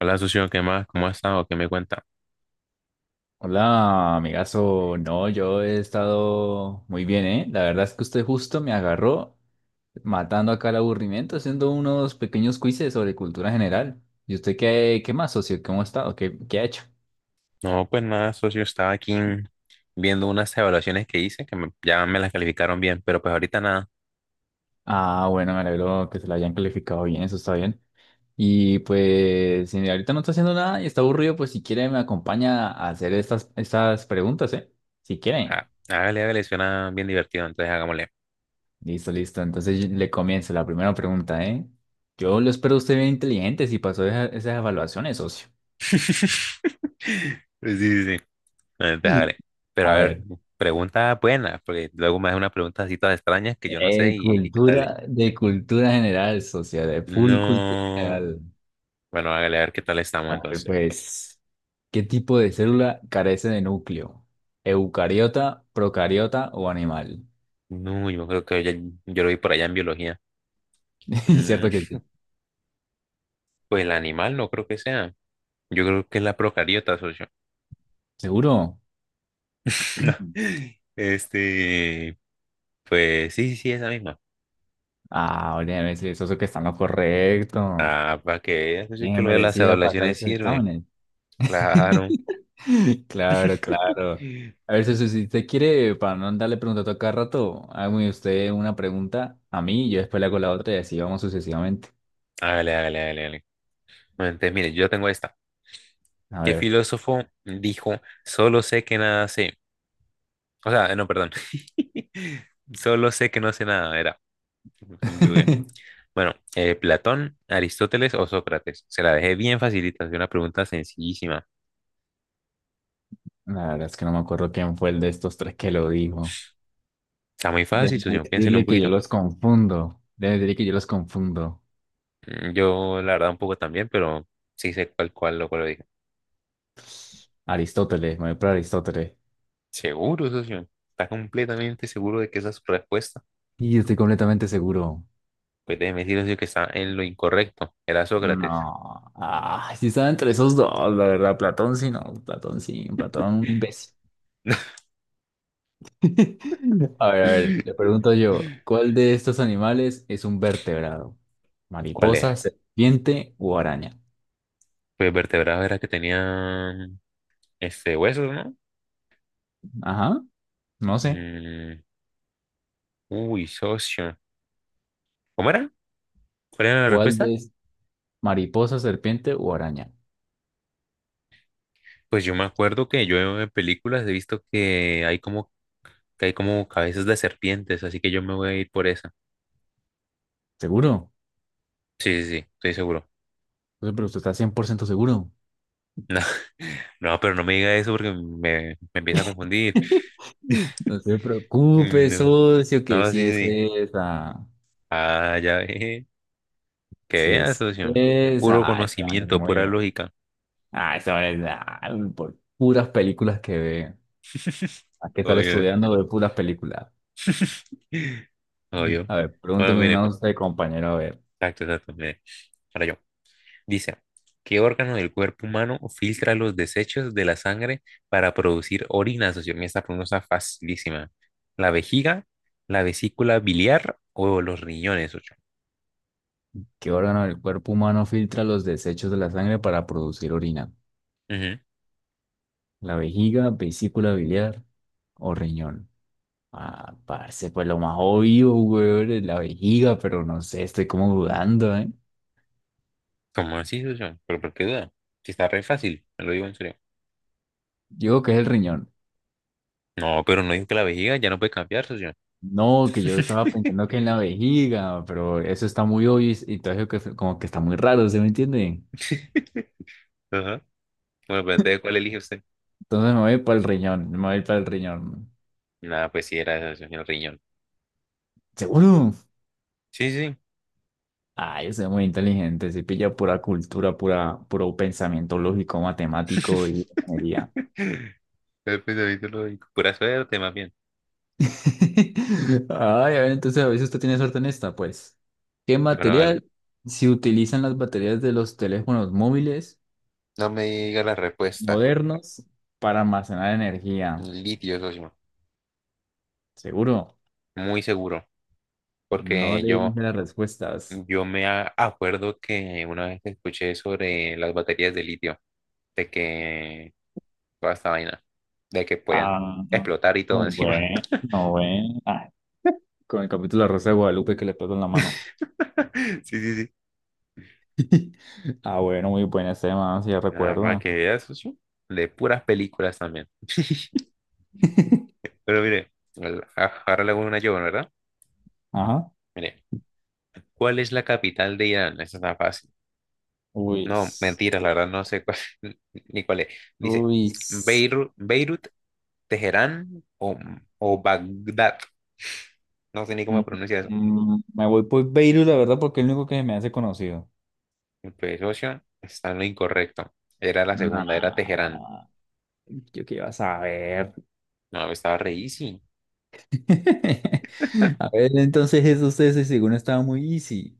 Hola, socio, ¿qué más? ¿Cómo has estado? ¿Qué me cuenta? Hola, amigazo. No, yo he estado muy bien, ¿eh? La verdad es que usted justo me agarró matando acá el aburrimiento, haciendo unos pequeños quizzes sobre cultura general. ¿Y usted qué más, socio? ¿Cómo ha estado? ¿Qué ha hecho? No, pues nada, socio, estaba aquí viendo unas evaluaciones que hice que me- ya me las calificaron bien, pero pues ahorita nada. Ah, bueno, me alegro que se lo hayan calificado bien, eso está bien. Y pues, si ahorita no está haciendo nada y está aburrido, pues si quiere me acompaña a hacer estas preguntas, ¿eh? Si quiere. Ah, hágale, hágale, suena bien divertido, entonces hagámosle. Listo, listo. Entonces le comienzo la primera pregunta, ¿eh? Yo lo espero usted bien inteligente si pasó esas evaluaciones, socio. Pues sí, sí, sí. Entonces hágale. Pero a A ver, ver, pregunta buena, porque luego me hace unas preguntas así todas extrañas que yo no sé y qué tal es. cultura, de cultura general, socio, de full cultura No. general. Bueno, hágale, a ver qué tal estamos A ver, entonces. pues, ¿qué tipo de célula carece de núcleo? ¿Eucariota, procariota o animal? No, yo creo que ya- yo lo vi por allá en biología. Mm, ¿Cierto que sí? pues el animal no creo que sea. Yo creo que es la procariota, socio. ¿Seguro? No. Este, pues sí, sí, sí, esa misma. Ah, óyeme, sí, socio, que está en lo correcto. Ah, para que veas, socio, que Bien lo de las merecía pasar evaluaciones esos sirve. exámenes. Claro. Claro, claro. A ver, Ceci, si usted quiere, para no andarle preguntando a cada rato, hágame usted una pregunta a mí, yo después le hago la otra y así vamos sucesivamente. Hágale, hágale, hágale, hágale. Bueno, entonces, mire, yo tengo esta. A ¿Qué ver. filósofo dijo, solo sé que nada sé? O sea, no, perdón. Solo sé que no sé nada, era. Google. Bueno, Platón, Aristóteles o Sócrates. Se la dejé bien facilita, es una pregunta sencillísima. La verdad es que no me acuerdo quién fue el de estos tres que lo dijo. Está muy Debe fácil, socio, piénselo un decirle que yo poquito. los confundo. Debe decirle que yo los confundo. Mm, yo, la verdad, un poco también, pero sí sé cuál, lo cual lo dije. Aristóteles, me voy por Aristóteles. Seguro, socio. Está completamente seguro de que esa es su respuesta. Y estoy completamente seguro. Pues déjeme decir, socio, que está en lo incorrecto. Era Sócrates. No. Ah, sí estaba entre esos dos, la verdad. Platón sí, no. Platón sí. Platón un imbécil. A ver, le pregunto yo, ¿cuál de estos animales es un vertebrado? ¿Cuál ¿Mariposa, era? serpiente o araña? Pues vertebrados era que tenían este huesos, ¿no? Ajá, no sé. Mm, uy, socio. ¿Cómo era? ¿Cuál era la ¿Cuál respuesta? de es mariposa, serpiente o araña? Pues yo me acuerdo que yo en películas he visto que hay como cabezas de serpientes, así que yo me voy a ir por esa. ¿Seguro? Sí, sí, sí, estoy seguro. No sé, pero usted está 100% seguro. No. No, pero no me diga eso porque me empieza a confundir. No se preocupe, socio, No, que no, si sí, es sí. esa. Ah, ya ve. Que Si vea, es socio. esa. Puro Ah, este man es conocimiento, pura muy... lógica. Ah, este man es... ah, por puras películas que ve. ¿A qué tal Obvio. estudiando de puras películas? Mm. Obvio. A ver, Bueno, pregúnteme una mire. a usted, compañero. A ver, Exacto, exacto. Mire. Ahora yo. Dice, ¿qué órgano del cuerpo humano filtra los desechos de la sangre para producir orina, socio? Mira, esta pregunta está facilísima. ¿La vejiga, la vesícula biliar o los riñones, socio? ¿qué órgano del cuerpo humano filtra los desechos de la sangre para producir orina? Ujú. ¿La vejiga, vesícula biliar o riñón? Ah, parece pues lo más obvio, weón, es la vejiga, pero no sé, estoy como dudando, ¿eh? ¿Cómo así, socio? ¿Pero por qué duda? Si está re fácil, me lo digo en serio. Yo creo que es el riñón. No, pero no dijo que la vejiga ya no puede cambiar, socio. No, que yo estaba pensando que en la vejiga, pero eso está muy obvio y todo eso como que está muy raro, ¿se me entiende? Ajá. Bueno, pues entonces, ¿cuál elige usted? Entonces me voy para el riñón, me voy para el riñón. Nada, pues sí, era esa, socio, el riñón. ¿Seguro? Sí, sí. Ay, usted es muy inteligente, se pilla pura cultura, pura, puro pensamiento lógico, matemático y ingeniería. El pensamiento lógico. Pura suerte, más bien. Ay, a ver, entonces a veces usted tiene suerte en esta, pues. ¿Qué Bueno, vale. material se utilizan las baterías de los teléfonos móviles No me diga la respuesta. modernos para almacenar energía? Litio, socio. Seguro, Muy seguro. no Porque le yo, dije las respuestas. yo me a- acuerdo que una vez escuché sobre las baterías de litio. De que toda esta vaina de que puedan Ah, no explotar y todo encima. bueno, bueno. Ah, con el capítulo de la Rosa de Guadalupe que le pasó en la mano. Sí, sí, sí. Ah, bueno, muy buena ese, man, si ya Nada más recuerda. que veas, socio, de puras películas también. Pero mire, al- a- ahora le hago una yo, ¿verdad? Ajá. Mire, ¿cuál es la capital de Irán? Esa está fácil. Uy. No, mentiras, la verdad no sé cuál, ni cuál es. Dice, Uy. Beirut, Teherán o Bagdad. No sé ni Mm, cómo pronuncia eso. Me voy por Beirut, la verdad, porque es el único que me hace conocido. Pues, socio, está en lo incorrecto. Era la segunda, era Teherán. Nah, yo qué iba a saber. No, estaba re easy. A ver, entonces eso ustedes ese segundo estaba muy easy.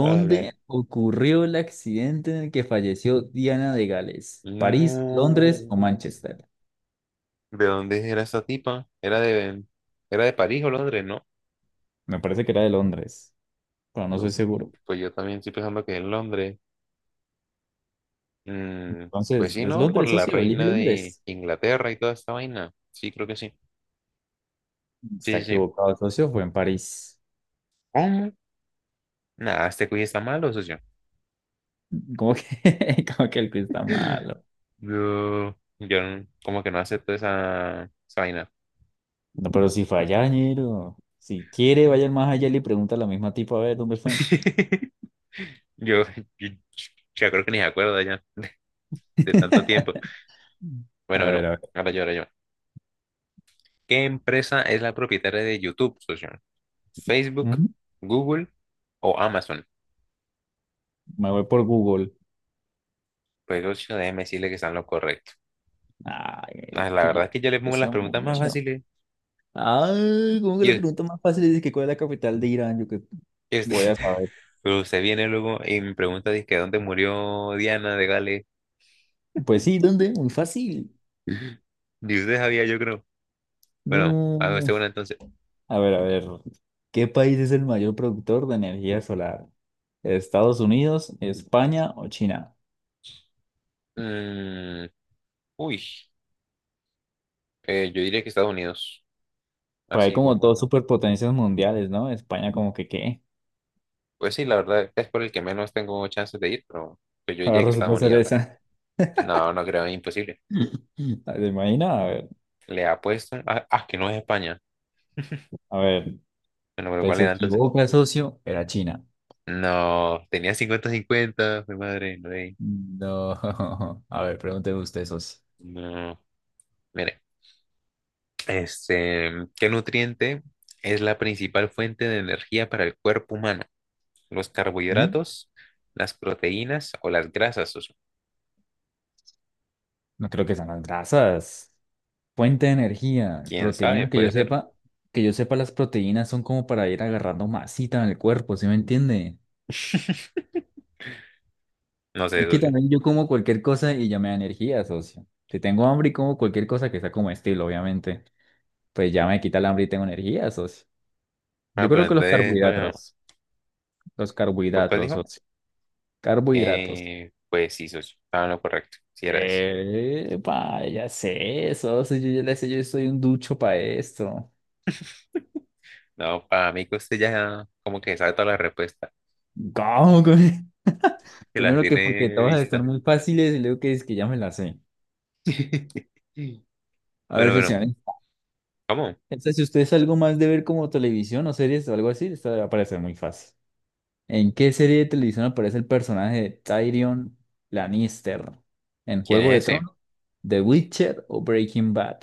Ah, ocurrió el accidente en el que falleció Diana de Gales? ¿París, Londres o no. Manchester? ¿De dónde era esa tipa? Era de París o Londres, ¿no? Me parece que era de Londres, pero no soy No, seguro. pues yo también estoy pensando que en Londres. Mm, pues Entonces, sí, ¿es ¿no? Por Londres, la socio? Elige reina de Londres. Inglaterra y toda esta vaina. Sí, creo que sí. Está Sí, sí, sí. equivocado, socio, fue en París. ¿Cómo? Nada, este cuy está malo, socio. Como que, como que el quiz está malo. Yo no- como que no acepto esa vaina. No, pero si fue allá, ñero. Si quiere, vaya más allá y le pregunta a la misma tipa a ver dónde fue. Yo, yo, yo creo que ni se acuerda ya de tanto tiempo. A Bueno, bueno, ver, a ver. ahora yo. ¿Qué empresa es la propietaria de YouTube, socio? Facebook, Ujú. Google o Amazon. Me voy por Google. Pues ocho, déjeme decirle que están lo correcto. Ah, Ay, la que yo, verdad es que yo le yo pongo las sé preguntas más mucho. fáciles. Ay, como que Y, la us- pregunta más fácil es que cuál es la capital de Irán. Yo que y usted, voy a saber. pero usted viene luego y me pregunta, dice, ¿dónde murió Diana de Gales? Pues sí, ¿dónde? Muy fácil. Y usted sabía, yo creo. Bueno, hago este No. una entonces. A ver, a ver. ¿Qué país es el mayor productor de energía solar? ¿Estados Unidos, España o China? Mm, uy, yo diría que Estados Unidos. Pues hay Así como como por dos todo. superpotencias mundiales, ¿no? España como que qué. Pues sí, la verdad es por el que menos tengo chances de ir, pero pues yo Ahora diría que Estados resulta ser Unidos. esa. No, no creo, es imposible. ¿Se imagina? Le apuesto. Ah, ah, que no es España. A ver, Bueno, pero pues ¿cuál se era entonces? equivoca, socio. Era China. No, tenía 50/50 mi madre, no, eh, No. A ver, pregúnteme usted, socio. no. Mire, este, ¿qué nutriente es la principal fuente de energía para el cuerpo humano? ¿Los ¿Mm? carbohidratos, las proteínas o las grasas, socio? No creo que sean las grasas. Fuente de energía, ¿Quién sabe? proteínas, Puede ser. Que yo sepa, las proteínas son como para ir agarrando masita en el cuerpo, ¿sí me entiende? No sé, Es que socio. también yo como cualquier cosa y ya me da energía, socio. Si tengo hambre y como cualquier cosa que sea como estilo, obviamente. Pues ya me quita el hambre y tengo energía, socio. Yo Ah, pero creo que entonces, bueno, los ¿pues cuál carbohidratos, dijo? socio. Carbohidratos. Pues sí, socio, estaba en lo correcto, si era ese. Eh, ya sé, socio, yo ya le sé, yo soy un ducho para esto. No, para mí que usted ya como que sabe toda la respuesta, ¿Cómo? que las Primero que porque tiene todas están vistas. muy fáciles y luego que es que ya me las sé. A Bueno, ver, bueno, socio, ¿eh? ¿cómo? Esta, si usted es algo más de ver como televisión o series o algo así, esta le va a parecer muy fácil. ¿En qué serie de televisión aparece el personaje de Tyrion Lannister? ¿En ¿Quién Juego de es ese? Tronos, The Witcher o Breaking Bad?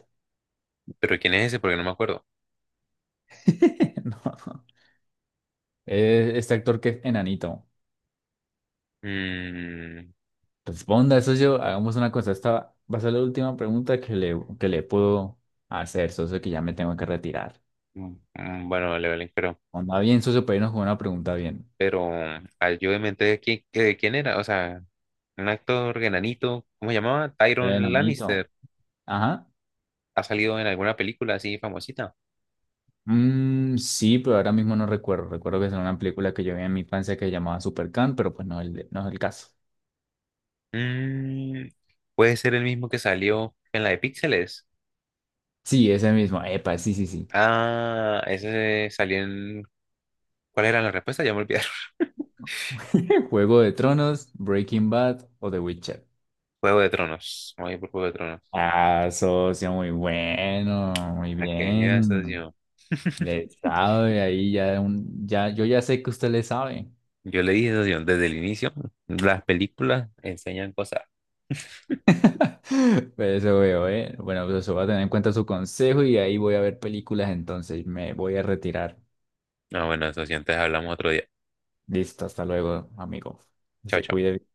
¿Pero quién es ese? Porque no me acuerdo. No. Este actor que es enanito. Mm, Responda eso yo. Hagamos una cosa. Esta va a ser la última pregunta que le puedo hacer, socio, que ya me tengo que retirar. Mm, bueno, Levelin, pero, Onda bien, socio, pero irnos con una pregunta bien. pero ayúdeme entonces, ¿quién, qué- quién era? O sea, un actor enanito, ¿cómo se llamaba? El Tyron enanito. Lannister. Ajá. ¿Ha salido en alguna película así famosita? Mm, sí, pero ahora mismo no recuerdo. Recuerdo que es una película que yo vi en mi infancia que se llamaba Supercan, pero pues no, no es el caso. Mm, puede ser el mismo que salió en la de Píxeles. Sí, ese mismo. Epa, sí, sí, sí. Ah, ese salió en... ¿Cuál era la respuesta? Ya me olvidé. Juego de Tronos, Breaking Bad o The Witcher. Juego de Tronos. Vamos por Juego de Tronos. Ah, socio, muy bueno, muy Aquella bien. estación. Le sabe ahí ya un, ya, yo ya sé que usted le sabe. Yo le dije, socio, desde el inicio, las películas enseñan cosas. Pero eso veo, eh. Bueno, pues eso va a tener en cuenta su consejo y ahí voy a ver películas, entonces me voy a retirar. Ah, bueno, socio, antes hablamos otro día. Listo, hasta luego, amigo. Chao, Se chao. cuide.